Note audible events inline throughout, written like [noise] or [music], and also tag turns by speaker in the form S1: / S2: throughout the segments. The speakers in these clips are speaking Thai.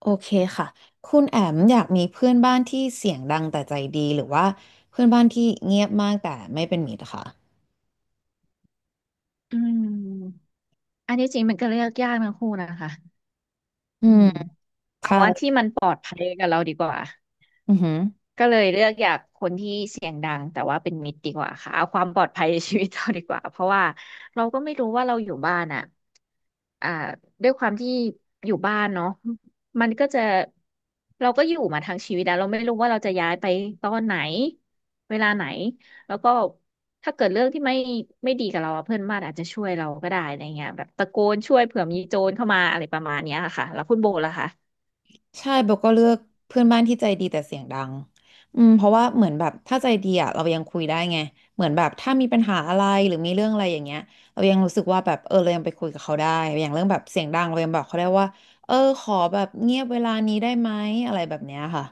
S1: โอเคค่ะ คุณแอมอยากมีเพื่อนบ้านที่เสียงดังแต่ใจดีหรือว่าเพื่อนบ้านที่เงียบมากแต่ไม่เป็นมิตรค่ะ
S2: อืมอันนี้จริงมันก็เลือกยากนะคู่นะคะ
S1: อื
S2: อื
S1: ม
S2: มเอา
S1: ใช่
S2: ว่าที่มันปลอดภัยกับเราดีกว่า
S1: อือฮึ
S2: ก็เลยเลือกอยากคนที่เสียงดังแต่ว่าเป็นมิตรดีกว่าค่ะเอาความปลอดภัยในชีวิตเราดีกว่าเพราะว่าเราก็ไม่รู้ว่าเราอยู่บ้านอ่ะอ่าด้วยความที่อยู่บ้านเนาะมันก็จะเราก็อยู่มาทั้งชีวิตแล้วเราไม่รู้ว่าเราจะย้ายไปตอนไหนเวลาไหนแล้วก็ถ้าเกิดเรื่องที่ไม่ดีกับเราอะเพื่อนบ้านอาจจะช่วยเราก็ได้อะไรเงี้ยแบบตะโกนช่วยเผื่อมีโจรเข้ามาอะไรประมาณเนี้ยค่ะแล้วคุณโบล่ะคะ
S1: ใช่เบลก็เลือกเพื่อนบ้านที่ใจดีแต่เสียงดังอืมเพราะว่าเหมือนแบบถ้าใจดีอ่ะเรายังคุยได้ไงเหมือนแบบถ้ามีปัญหาอะไรหรือมีเรื่องอะไรอย่างเงี้ยเรายังรู้สึกว่าแบบเออเรายังไปคุยกับเขาได้อย่างเรื่องแบบเสียงดังเรายังบอกเขาได้ว่าเออขอแบบเงียบเวลานี้ได้ไหมอะไรแบบเนี้ยค่ะ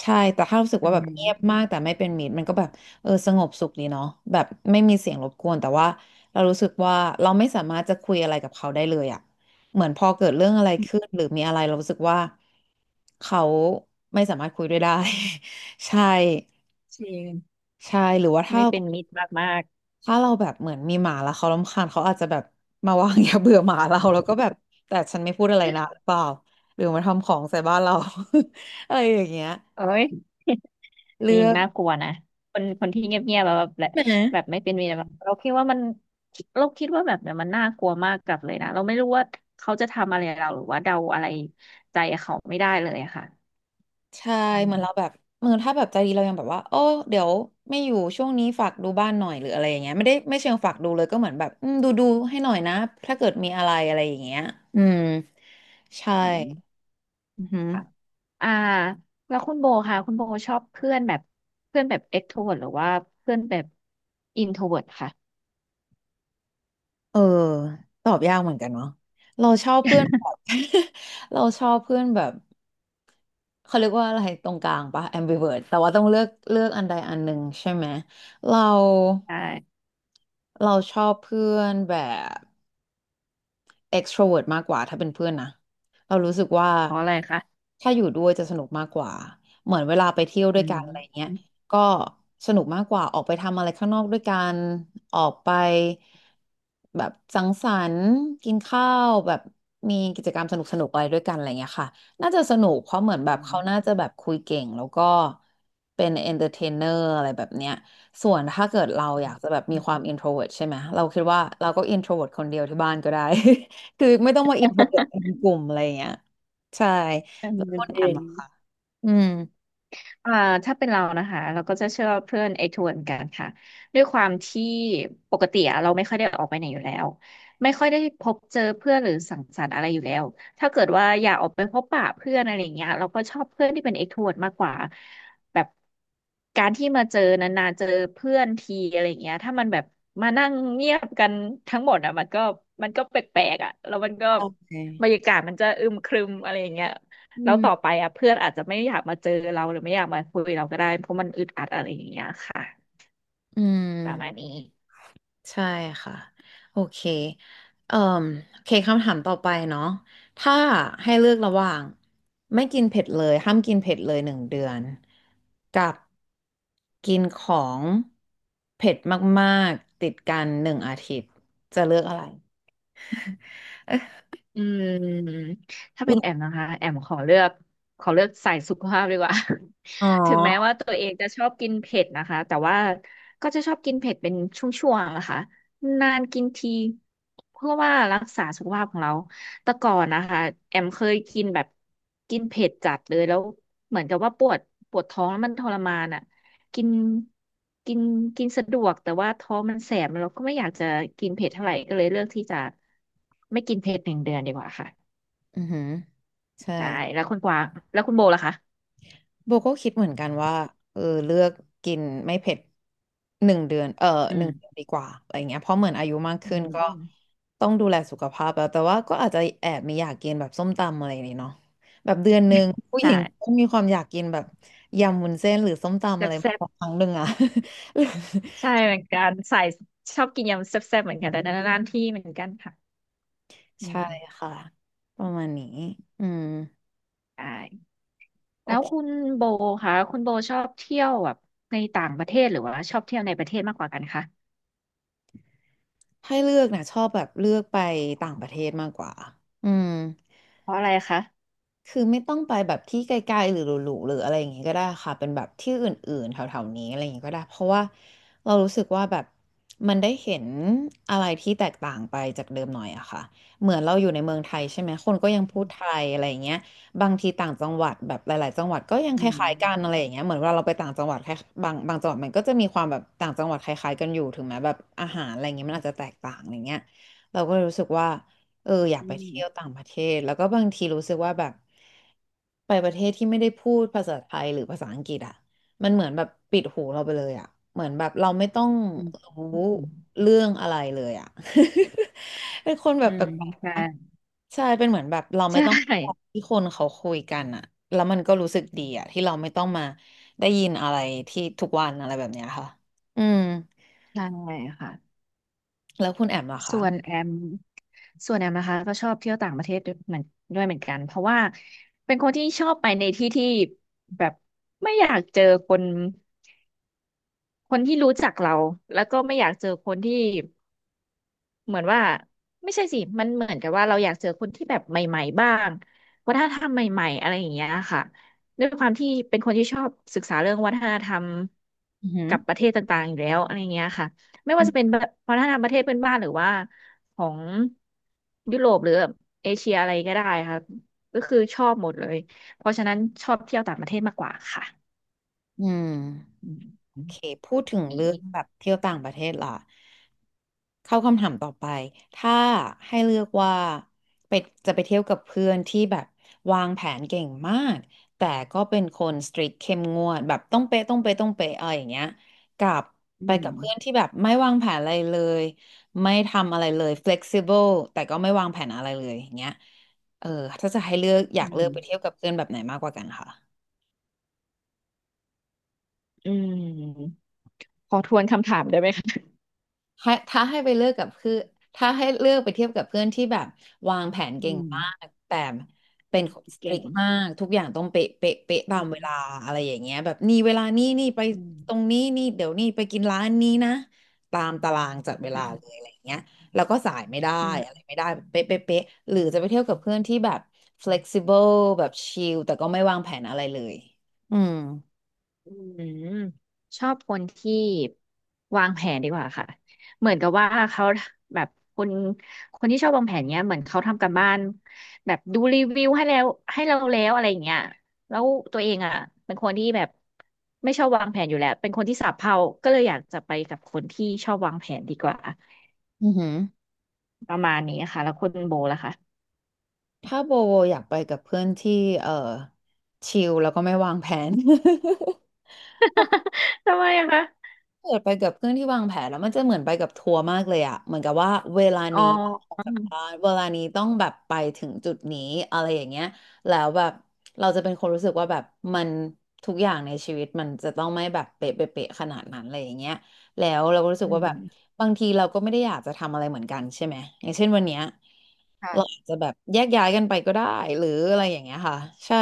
S1: ใช่แต่ถ้ารู้สึก
S2: อื
S1: ว่าแบบเงียบ
S2: ม
S1: มากแต่ไม่เป็นมิตรมันก็แบบเออสงบสุขดีเนาะแบบไม่มีเสียงรบกวนแต่ว่าเรารู้สึกว่าเราไม่สามารถจะคุยอะไรกับเขาได้เลยอ่ะ เหมือนพอเกิดเรื่องอะไรขึ้นหรือมีอะไรเรารู้สึกว่าเขาไม่สามารถคุยด้วยได้ [laughs] ใช่
S2: จริง
S1: ใช่หรือว่าถ้า
S2: ไม่เป็นมิตรมากๆ
S1: เราแบบเหมือนมีหมาแล้วเขารำคาญเขาอาจจะแบบมาวาง [laughs] ยาเบื่อหมาเราแล้วก็แบบแต่ฉันไม่พูดอะไรนะหรือเปล่าหรือมาทำของใส่บ้านเรา [laughs] อะไรอย่างเงี้ย
S2: เอ้ยนี่
S1: เลือก
S2: น่ากลัวนะคนคนที่เงียบๆแบบแบบ
S1: ใช่ไหม
S2: แบบไม่เป็นมีอะไรแบบเราคิดว่าแบบเนี่ยมันน่ากลัวมากกับเลยนะเราไม่รู้ว่าเขาจะทำอะไรเราหรือว่าเดาอะไรใจเขาไม่ได้เลยอะค่ะ
S1: ใช่
S2: อื
S1: เหมือ
S2: ม
S1: นเราแบบเหมือนถ้าแบบใจดีเรายังแบบว่าโอ้เดี๋ยวไม่อยู่ช่วงนี้ฝากดูบ้านหน่อยหรืออะไรอย่างเงี้ยไม่ได้ไม่เชิงฝากดูเลยก็เหมือนแบบอืมดูดูให้หน่อยนะถ้าเกิดมีอะไรอะไรอย่างเงี้ยอืมใช่
S2: อืม
S1: อือหือ
S2: ค่ะอ่าแล้วคุณโบค่ะคุณโบชอบเพื่อนแบบเพื่อนแบบเอ็กโทรเวิร์หรือว่าเพื่อนแบบอินโทรเวิร์ค่ะ
S1: เออตอบยากเหมือนกันเนาะเราชอบเพื่อนแบบ [laughs] เราชอบเพื่อนแบบเขาเรียกว่าอะไรตรงกลางปะ ambivert แต่ว่าต้องเลือกอันใดอันหนึ่งใช่ไหมเรา
S2: ใช่
S1: เราชอบเพื่อนแบบ extrovert มากกว่าถ้าเป็นเพื่อนนะเรารู้สึกว่า
S2: เพราะอะไรคะ
S1: ถ้าอยู่ด้วยจะสนุกมากกว่าเหมือนเวลาไปเที่ยวด้ว
S2: อื
S1: ยกั
S2: ม
S1: นอะไรเงี้ย
S2: อืม
S1: ก็สนุกมากกว่าออกไปทำอะไรข้างนอกด้วยกันออกไปแบบสังสรรค์กินข้าวแบบมีกิจกรรมสนุกสนุกอะไรด้วยกันอะไรเงี้ยค่ะน่าจะสนุกเพราะเหมือนแบ
S2: อื
S1: บเขาน่า
S2: ม
S1: จะแบบคุยเก่งแล้วก็เป็นเอนเตอร์เทนเนอร์อะไรแบบเนี้ยส่วนถ้าเกิดเรา
S2: อื
S1: อยากจะ
S2: ม
S1: แบบมีความ introvert ใช่ไหมเราคิดว่าเราก็ introvert คนเดียวที่บ้านก็ได้ คือไม่ต้องมาอินโทรเวิร์ตเป็นกลุ่มอะไรอย่างเงี้ยใช่แล้วก็
S2: จ
S1: แอ
S2: ริ
S1: ม
S2: ง
S1: อะค่ะอืม
S2: อ่าถ้าเป็นเรานะคะเราก็จะเชื่อเพื่อนไอ้ทวนกันค่ะด้วยความที่ปกติอะเราไม่ค่อยได้ออกไปไหนอยู่แล้วไม่ค่อยได้พบเจอเพื่อนหรือสังสรรค์อะไรอยู่แล้วถ้าเกิดว่าอยากออกไปพบปะเพื่อนอะไรอย่างเงี้ยเราก็ชอบเพื่อนที่เป็นเอ็กโทรดมากกว่าแบบการที่มาเจอนานๆเจอเพื่อนทีอะไรอย่างเงี้ยถ้ามันแบบมานั่งเงียบกันทั้งหมดอ่ะมันก็มันก็แปลกๆอ่ะแล้วมันก็
S1: โอเค
S2: บรรยากาศมันจะอึมครึมอะไรอย่างเงี้ย
S1: อื
S2: แล้วต่อไป
S1: ม
S2: อ่ะเพื่อนอาจจะไม่อยากมาเจอเราหรือไม่อยากมาคุยเราก็ได้เพราะมันอึดอัดอะไรอย่างเงี้ยค่ะ
S1: อืม
S2: ประมาณนี้
S1: ใช่ค่ะโอเคเอ่มโอเคคำถามต่อไปเนาะถ้าให้เลือกระหว่างไม่กินเผ็ดเลยห้ามกินเผ็ดเลยหนึ่งเดือนกับกินของเผ็ดมากๆติดกันหนึ่งอาทิตย์จะเลือกอะไรเอ๊ะ
S2: อืมถ้า
S1: คุ
S2: เป็
S1: ณ
S2: นแอมนะคะแอมขอเลือกสายสุขภาพดีกว่า
S1: อ๋อ
S2: [laughs] ถึงแม้ว่าตัวเองจะชอบกินเผ็ดนะคะแต่ว่าก็จะชอบกินเผ็ดเป็นช่วงๆนะคะนานกินทีเพื่อว่ารักษาสุขภาพของเราแต่ก่อนนะคะแอมเคยกินแบบกินเผ็ดจัดเลยแล้วเหมือนกับว่าปวดปวดท้องแล้วมันทรมานอ่ะ กินกินกินสะดวกแต่ว่าท้องมันแสบเราก็ไม่อยากจะกินเผ็ดเท่าไหร่ก็เลยเลือกที่จะไม่กินเผ็ดหนึ่งเดือนดีกว่าค่ะ
S1: อือหือใช่
S2: ใช่แล้วคุณกวางแล้วคุณโบล่ะคะ
S1: โบก็คิดเหมือนกันว่าเออเลือกกินไม่เผ็ดหนึ่งเดือนเออ
S2: อื
S1: ห
S2: ม
S1: นึ่งเดือนดีกว่าอะไรเงี้ยเพราะเหมือนอายุมาก
S2: อื
S1: ขึ้น
S2: ม
S1: ก็
S2: อืม
S1: ต้องดูแลสุขภาพแล้วแต่ว่าก็อาจจะแอบมีอยากกินแบบส้มตำอะไรนี่เนาะแบบเดือนหนึ่งผู้ห
S2: ใช่
S1: ญิงก็มีความอยากกินแบบยำวุ้นเส้นหรือส้มตำ
S2: แซ่
S1: อะไร
S2: บ
S1: มา
S2: แซ่บ
S1: สักครั้งหนึ่งอะ [laughs]
S2: ใช่เหมือนกันใส่ชอบกินยำแซ่บแซ่บเหมือนกันแต่นานๆที่เหมือนกันค่ะอื
S1: ใช่
S2: ม
S1: ค่ะประมาณนี้อืม
S2: ใช่
S1: โอ
S2: แล้วคุ
S1: เค
S2: ณโบคะคุณโบชอบเที่ยวแบบในต่างประเทศหรือว่าชอบเที่ยวในประเทศมากกว่ากันคะ
S1: ให้เลือกนะชอบแบบเลือกไปต่างประเทศมากกว่าอืม
S2: เพราะอะไรคะ
S1: คือไม่ต้องไปแบบที่ไกลๆหรือหรูๆหรืออะไรอย่างงี้ก็ได้ค่ะเป็นแบบที่อื่นๆแถวๆนี้อะไรอย่างงี้ก็ได้เพราะว่าเรารู้สึกว่าแบบมันได้เห็นอะไรที่แตกต่างไปจากเดิมหน่อยอะค่ะเหมือนเราอยู่ในเมืองไทยใช่ไหมคนก็ยังพูดไท
S2: อ
S1: ยอะไรอย่างเงี้ยบางทีต่างจังหวัดแบบหลายๆจังหวัดก็ยัง
S2: ื
S1: คล้า
S2: ม
S1: ยๆกันอะไรอย่างเงี้ยเหมือนเวลาเราไปต่างจังหวัดแค่บางจังหวัดมันก็จะมีความแบบต่างจังหวัดคล้ายๆกันอยู่ถึงแม้แบบอาหารอะไรอย่างเงี้ยมันอาจจะแตกต่างอะไรเงี้ยเราก็เลยรู้สึกว่า เอออยาก
S2: อื
S1: ไป
S2: ม
S1: เที่ยวต่างประเทศแล้วก็บางทีรู้สึกว่าแบบไปประเทศที่ไม่ได้พูดภาษาไทยหรือภาษาอังกฤษอ่ะมันเหมือนแบบปิดหูเราไปเลยอ่ะเหมือนแบบเราไม่ต้อง
S2: อืมอ
S1: รู้
S2: ืม
S1: เรื่องอะไรเลยอ่ะ [laughs] เป็นคนแบ
S2: อื
S1: บแป
S2: ม
S1: ลก
S2: ใช่
S1: ๆอะใช่เป็นเหมือนแบบเราไม่
S2: ใช่
S1: ต้องฟังที่คนเขาคุยกันอ่ะแล้วมันก็รู้สึกดีอ่ะที่เราไม่ต้องมาได้ยินอะไรที่ทุกวันอะไรแบบเนี้ยค่ะอืม
S2: ใช่ค่ะ
S1: แล้วคุณแอมล่ะคะ
S2: ส่วนแอมส่วนแอมนะคะก็ชอบเที่ยวต่างประเทศด้วยเหมือนกันเพราะว่าเป็นคนที่ชอบไปในที่ที่แบบไม่อยากเจอคนคนที่รู้จักเราแล้วก็ไม่อยากเจอคนที่ เหมือนว่าไม่ใช่สิ มันเหมือนกับว่าเราอยากเจอคนที่แบบใหม่ๆบ้างวัฒนธรรมใหม่ๆอะไรอย่างเงี้ยค่ะด้วยความที่เป็นคนที่ชอบศึกษาเรื่องวัฒนธรรม
S1: อือหือ
S2: กับประเทศต่างๆอยู่แล้วอะไรเงี้ยค่ะไม่ว่าจะเป็นแบบวัฒนธรรมประเทศเพื่อนบ้านหรือว่าของยุโรปหรือเอเชียอะไรก็ได้ค่ะก็คือชอบหมดเลยเพราะฉะนั้นชอบเที่ยวต่างประเทศมากกว่าค่ะ
S1: อืม
S2: อืม
S1: โอเคพูดถึง
S2: นี่
S1: เรื่องแบบเที่ยวต่างประเทศล่ะเข้าคำถามต่อไปถ้าให้เลือกว่าไปจะไปเที่ยวกับเพื่อนที่แบบวางแผนเก่งมากแต่ก็เป็นคนสตรีทเข้มงวดแบบต้องเป๊ะต้องเป๊ะต้องเป๊ะอะไรอย่างเงี้ยกับ
S2: อื
S1: ไป
S2: ม
S1: กับเพื่อนที่แบบไม่วางแผนอะไรเลยไม่ทำอะไรเลย flexible แต่ก็ไม่วางแผนอะไรเลยอย่างเงี้ยเออถ้าจะให้เลือกอยา
S2: อื
S1: กเลือกไปเที่ยว
S2: ม
S1: กับเพื่อนแบบไหนมากกว่ากันคะ
S2: อืมขอทวนคำถามได้ไหมคะ
S1: ให้ถ้าให้ไปเลือกกับคือถ้าให้เลือกไปเทียบกับเพื่อนที่แบบวางแผน
S2: อื
S1: เก่ง
S2: ม
S1: มากแต่เป็
S2: อื
S1: น
S2: ม
S1: สตริ
S2: เก่ง
S1: กมากทุกอย่างต้องเป๊ะเป๊ะเป๊ะตา
S2: อื
S1: มเวลา
S2: ม
S1: อะไรอย่างเงี้ยแบบนี่เวลานี่นี่ไป
S2: อืม
S1: ตรงนี้นี่เดี๋ยวนี่ไปกินร้านนี้นะตามตารางจัดเว
S2: อื
S1: ลาเลย
S2: ม
S1: อะไรอย่างเงี้ยแล้วก็สายไม่ได้
S2: อื
S1: อะไร
S2: ม
S1: ไม่ได้แบบเป๊ะเป๊ะเป๊ะหรือจะไปเที่ยวกับเพื่อนที่แบบ flexible แบบชิลแต่ก็ไม่วางแผนอะไรเลยอืม
S2: อืมอชอบคนที่วางแผนดีกว่าค่ะเหมือนกับว่าเขาแบบคนคนที่ชอบวางแผนเนี้ยเหมือนเขาทำกัรบ้านแบบดูรีวิวให้แล้วให้เราแล้วอะไรอย่างเงี้ยแล้วตัวเองอ่ะเป็นคนที่แบบไม่ชอบวางแผนอยู่แล้ว เป็นคนที่สับเพร่าก็เลยอยากจะไปกับคนที่ชอบวางแผนดีกว่า
S1: อือหือ
S2: ประมาณนี้ค่ะ แล้วคุณโบล่ะคะ
S1: ถ้าโบอยากไปกับเพื่อนที่เออชิลแล้วก็ไม่วางแผน [laughs]
S2: [laughs] ทำไมอะคะ
S1: เกิดไปกับเพื่อนที่วางแผนแล้วมันจะเหมือนไปกับทัวร์มากเลยอะเหมือนกับว่าเวลา
S2: อ๋อ
S1: นี้ออก
S2: อื
S1: จาก
S2: ม
S1: บ้านเวลานี้ต้องแบบไปถึงจุดนี้อะไรอย่างเงี้ยแล้วแบบเราจะเป็นคนรู้สึกว่าแบบมันทุกอย่างในชีวิตมันจะต้องไม่แบบเป๊ะเป๊ะเป๊ะขนาดนั้นอะไรอย่างเงี้ยแล้วเราก็รู้สึ
S2: อื
S1: กว่าแบ
S2: ม
S1: บบางทีเราก็ไม่ได้อยากจะทำอะไรเหมือนกันใช่ไหมอย่างเช่นวันเนี้ย เรา
S2: ค่ะ
S1: อาจจะแบบแยกย้ายกันไปก็ได้หรืออะไรอย่างเงี้ยค่ะใช่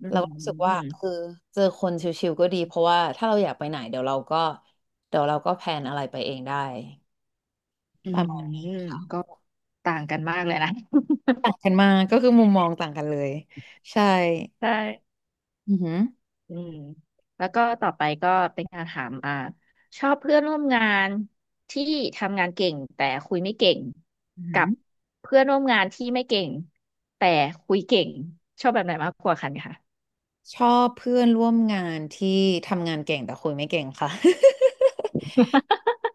S2: อื
S1: เรา
S2: ม
S1: ก็รู้สึกว่า
S2: อืม
S1: คือเจอคนชิวๆก็ดีเพราะว่าถ้าเราอยากไปไหนเดี๋ยวเราก็แพลนอะไรไปเองได้
S2: อื
S1: ประ
S2: ม
S1: มาณนี้
S2: ก็ต่างกันมากเลยนะ [laughs]
S1: ต่างกันมากก็คือมุมมองต่างกันเลยใช่
S2: ใช่
S1: อือหือ
S2: อืมแล้วก็ต่อไปก็เป็นการถามอ่าชอบเพื่อนร่วมงานที่ทำงานเก่งแต่คุยไม่เก่ง
S1: อือหื
S2: กั
S1: อ
S2: บเพื่อนร่วมงานที่ไม่เก่งแต่คุยเก่งชอบแบบไหนมากกว่ากันคะ
S1: ชอบเพื่อนร่วมงานที่ทำงานเก่งแต่คุยไม่เก่งค่ะ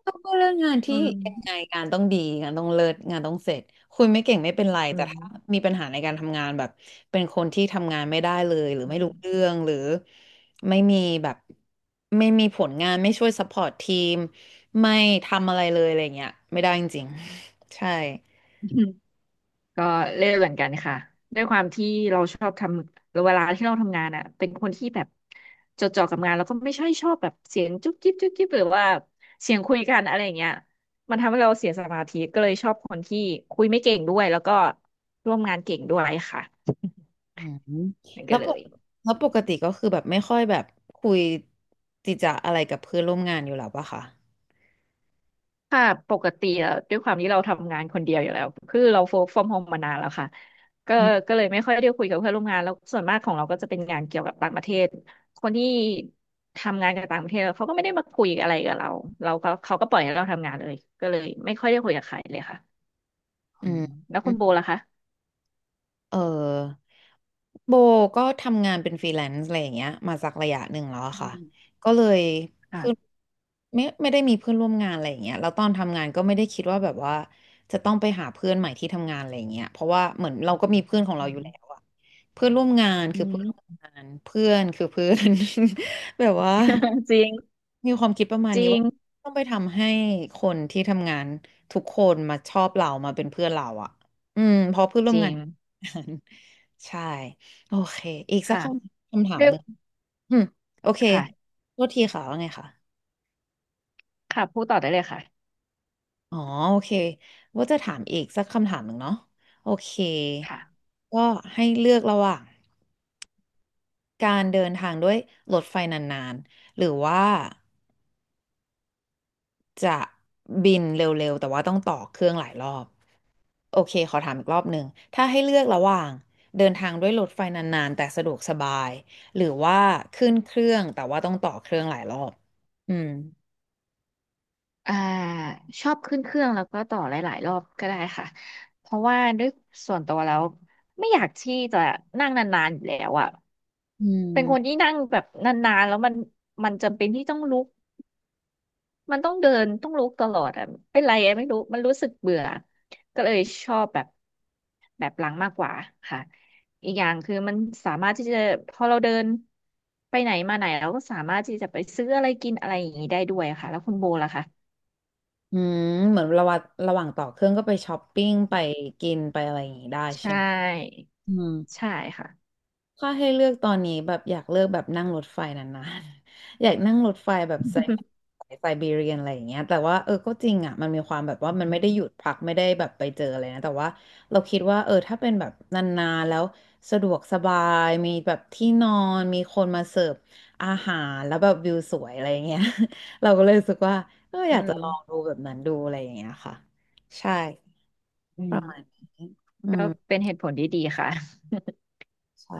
S1: ต้องพูดเรืองงาน
S2: อื
S1: ที่
S2: ม
S1: ยังไงงานต้องดีงานต้องเลิศงานต้องเสร็จคุณไม่เก่งไม่เป็นไร
S2: อื
S1: แต่
S2: ม
S1: ถ้ามีปัญหาในการทำงานแบบเป็นคนที่ทำงานไม่ได้เลยหรือไม่
S2: อื
S1: รู้เรื่องหรือไม่มีแบบไม่มีผลงานไม่ช่วยซัพพอร์ตทีมไม่ทำอะไรเลยอะไรเงี้ยไม่ได้จริงๆ [laughs] ใช่
S2: ม ก็เล่นเหมือนกันค่ะด้วยความที่เราชอบทำเวลาที่เราทำงานอ่ะเป็นคนที่แบบจดจ่อกับงานแล้วก็ไม่ใช่ชอบแบบเสียงจุ๊บจิ๊บจุ๊บจิ๊บหรือว่าเสียงคุยกันอะไรอย่างเงี้ยมันทำให้เราเสียสมาธิก็เลยชอบคนที่คุยไม่เก่งด้วยแล้วก็ร่วมงานเก่งด้วยค่ะ
S1: อืม
S2: นั่น
S1: แล้
S2: ก็
S1: ว
S2: เล
S1: ปก
S2: ย
S1: แล้วปกติก็คือแบบไม่ค่อยแบบคุยจิจะอะไรกับเพื่อนร่วมงานอยู่แล้วปะคะ
S2: ค่ะปกติแล้วด้วยความที่เราทำงานคนเดียวอยู่แล้วคือเราโฟกฟอร์มโฮมมานานแล้วค่ะก็
S1: อืม
S2: ก็เลยไม่ค่อยได้คุยกับเพื่อนร่วมงานแล้วส่วนมากของเราก็จะเป็นงานเกี่ยวกับต่างประเทศคนที่ทำงานกับต่างประเทศเขาก็ไม่ได้มาคุยอะไรกับเราเราก็เขาก็ปล่อยให้เราทำงานเลยก็เลยไม่ค่อยได้คุยกับใครเลยค่ะอื
S1: อื
S2: ม
S1: ม
S2: แล้วคุณโบล่ะคะ
S1: เออโบก็ทำงานเป็นฟรีแลนซ์อะไรอย่างเงี้ยมาสักระยะหนึ่งแล้วอะ
S2: อื
S1: ค่ะ
S2: ม
S1: ก็เลยเพื่อน
S2: ค่ะ
S1: ไม่ได้มีเพื่อนร่วมงานอะไรอย่างเงี้ยแล้วตอนทำงานก็ไม่ได้คิดว่าแบบว่าจะต้องไปหาเพื่อนใหม่ที่ทำงานอะไรอย่างเงี้ยเพราะว่าเหมือนเราก็มีเพื่อนของเรา
S2: อื
S1: อยู่
S2: ม
S1: แล้
S2: [laughs]
S1: วอะเพื่อนร่วมงาน
S2: อื
S1: คือเพื่อน
S2: ม
S1: ร่วมงานเพื่อนคือเพื่อน [laughs] แบบว่า
S2: [laughs] จริง
S1: มีความคิดประมาณ
S2: จ
S1: นี้
S2: ริง
S1: ว่าต้องไปทำให้คนที่ทำงานทุกคนมาชอบเรามาเป็นเพื่อนเราอะอืมเพราะเพื่อนร่
S2: จ
S1: วม
S2: ริ
S1: งาน
S2: ง
S1: ใช่โอเคอีกสัก
S2: ค่ะ
S1: คำถาม
S2: ด้วย
S1: หนึ่งอืมโอเค
S2: ค่ะ
S1: โทษทีค่ะว่าไงค่ะ
S2: ค่ะพูดต่อได้เลยค่ะ
S1: อ๋อโอเคว่าจะถามอีกสักคำถามหนึ่งเนาะโอเค
S2: ค่ะ
S1: ก็ให้เลือกระหว่างการเดินทางด้วยรถไฟนานๆหรือว่า จะบินเร็วๆแต่ว่าต้องต่อเครื่องหลายรอบโอเคขอถามอีกรอบหนึ่งถ้าให้เลือกระหว่างเดินทางด้วยรถไฟนานๆแต่สะดวกสบายหรือว่าขึ้นเครื่องแต่ว่าต้องต่อเครื่องหลายรอบอืม
S2: อ่าชอบขึ้นเครื่องแล้วก็ต่อหลายๆรอบก็ได้ค่ะเพราะว่าด้วยส่วนตัวแล้วไม่อยากที่จะนั่งนานๆอยู่แล้วอ่ะ
S1: อื
S2: เป็นคนที่
S1: ม
S2: นั่งแบบนานๆแล้วมันมันจำเป็นที่ต้องลุกมันต้องเดินต้องลุกตลอดอ่ะเป็นไรอะไม่รู้มันรู้สึกเบื่อก็เลยชอบแบบหลังมากกว่าค่ะอีกอย่างคือมันสามารถที่จะพอเราเดินไปไหนมาไหนเราก็สามารถที่จะไปซื้ออะไรกินอะไรอย่างนี้ได้ด้วยค่ะแล้วคุณโบล่ะคะ
S1: อืมเหมือนระหว่างต่อเครื่องก็ไปช้อปปิ้งไปกินไปอะไรอย่างงี้ได้
S2: ใช
S1: ใช่ไหม
S2: ่
S1: อืม
S2: ใช่ค่ะ
S1: ถ้าให้เลือกตอนนี้แบบอยากเลือกแบบนั่งรถไฟนานๆ [laughs] อยากนั่งรถไฟแบบไซ
S2: [laughs]
S1: ไซบีเรียนอะไรอย่างเงี้ยแต่ว่าก็จริงอ่ะมันมีความแบบว่ามันไม่ได้หยุดพักไม่ได้แบบไปเจออะไรนะแต่ว่าเราคิดว่าถ้าเป็นแบบนานๆแล้วสะดวกสบายมีแบบที่นอนมีคนมาเสิร์ฟอาหารแล้วแบบวิวสวยอะไรอย่างเงี้ย [laughs] เราก็เลยรู้สึกว่าอ
S2: อื
S1: ยากจะ
S2: ม
S1: ลองดูแบบนั้นดูอะไรอย่างเงี้ยค่ะใช่
S2: อื
S1: ป
S2: ม
S1: ระมาณนี้อื
S2: ก็
S1: ม
S2: เป็นเหตุผลที่ดีค่ะ
S1: ใช่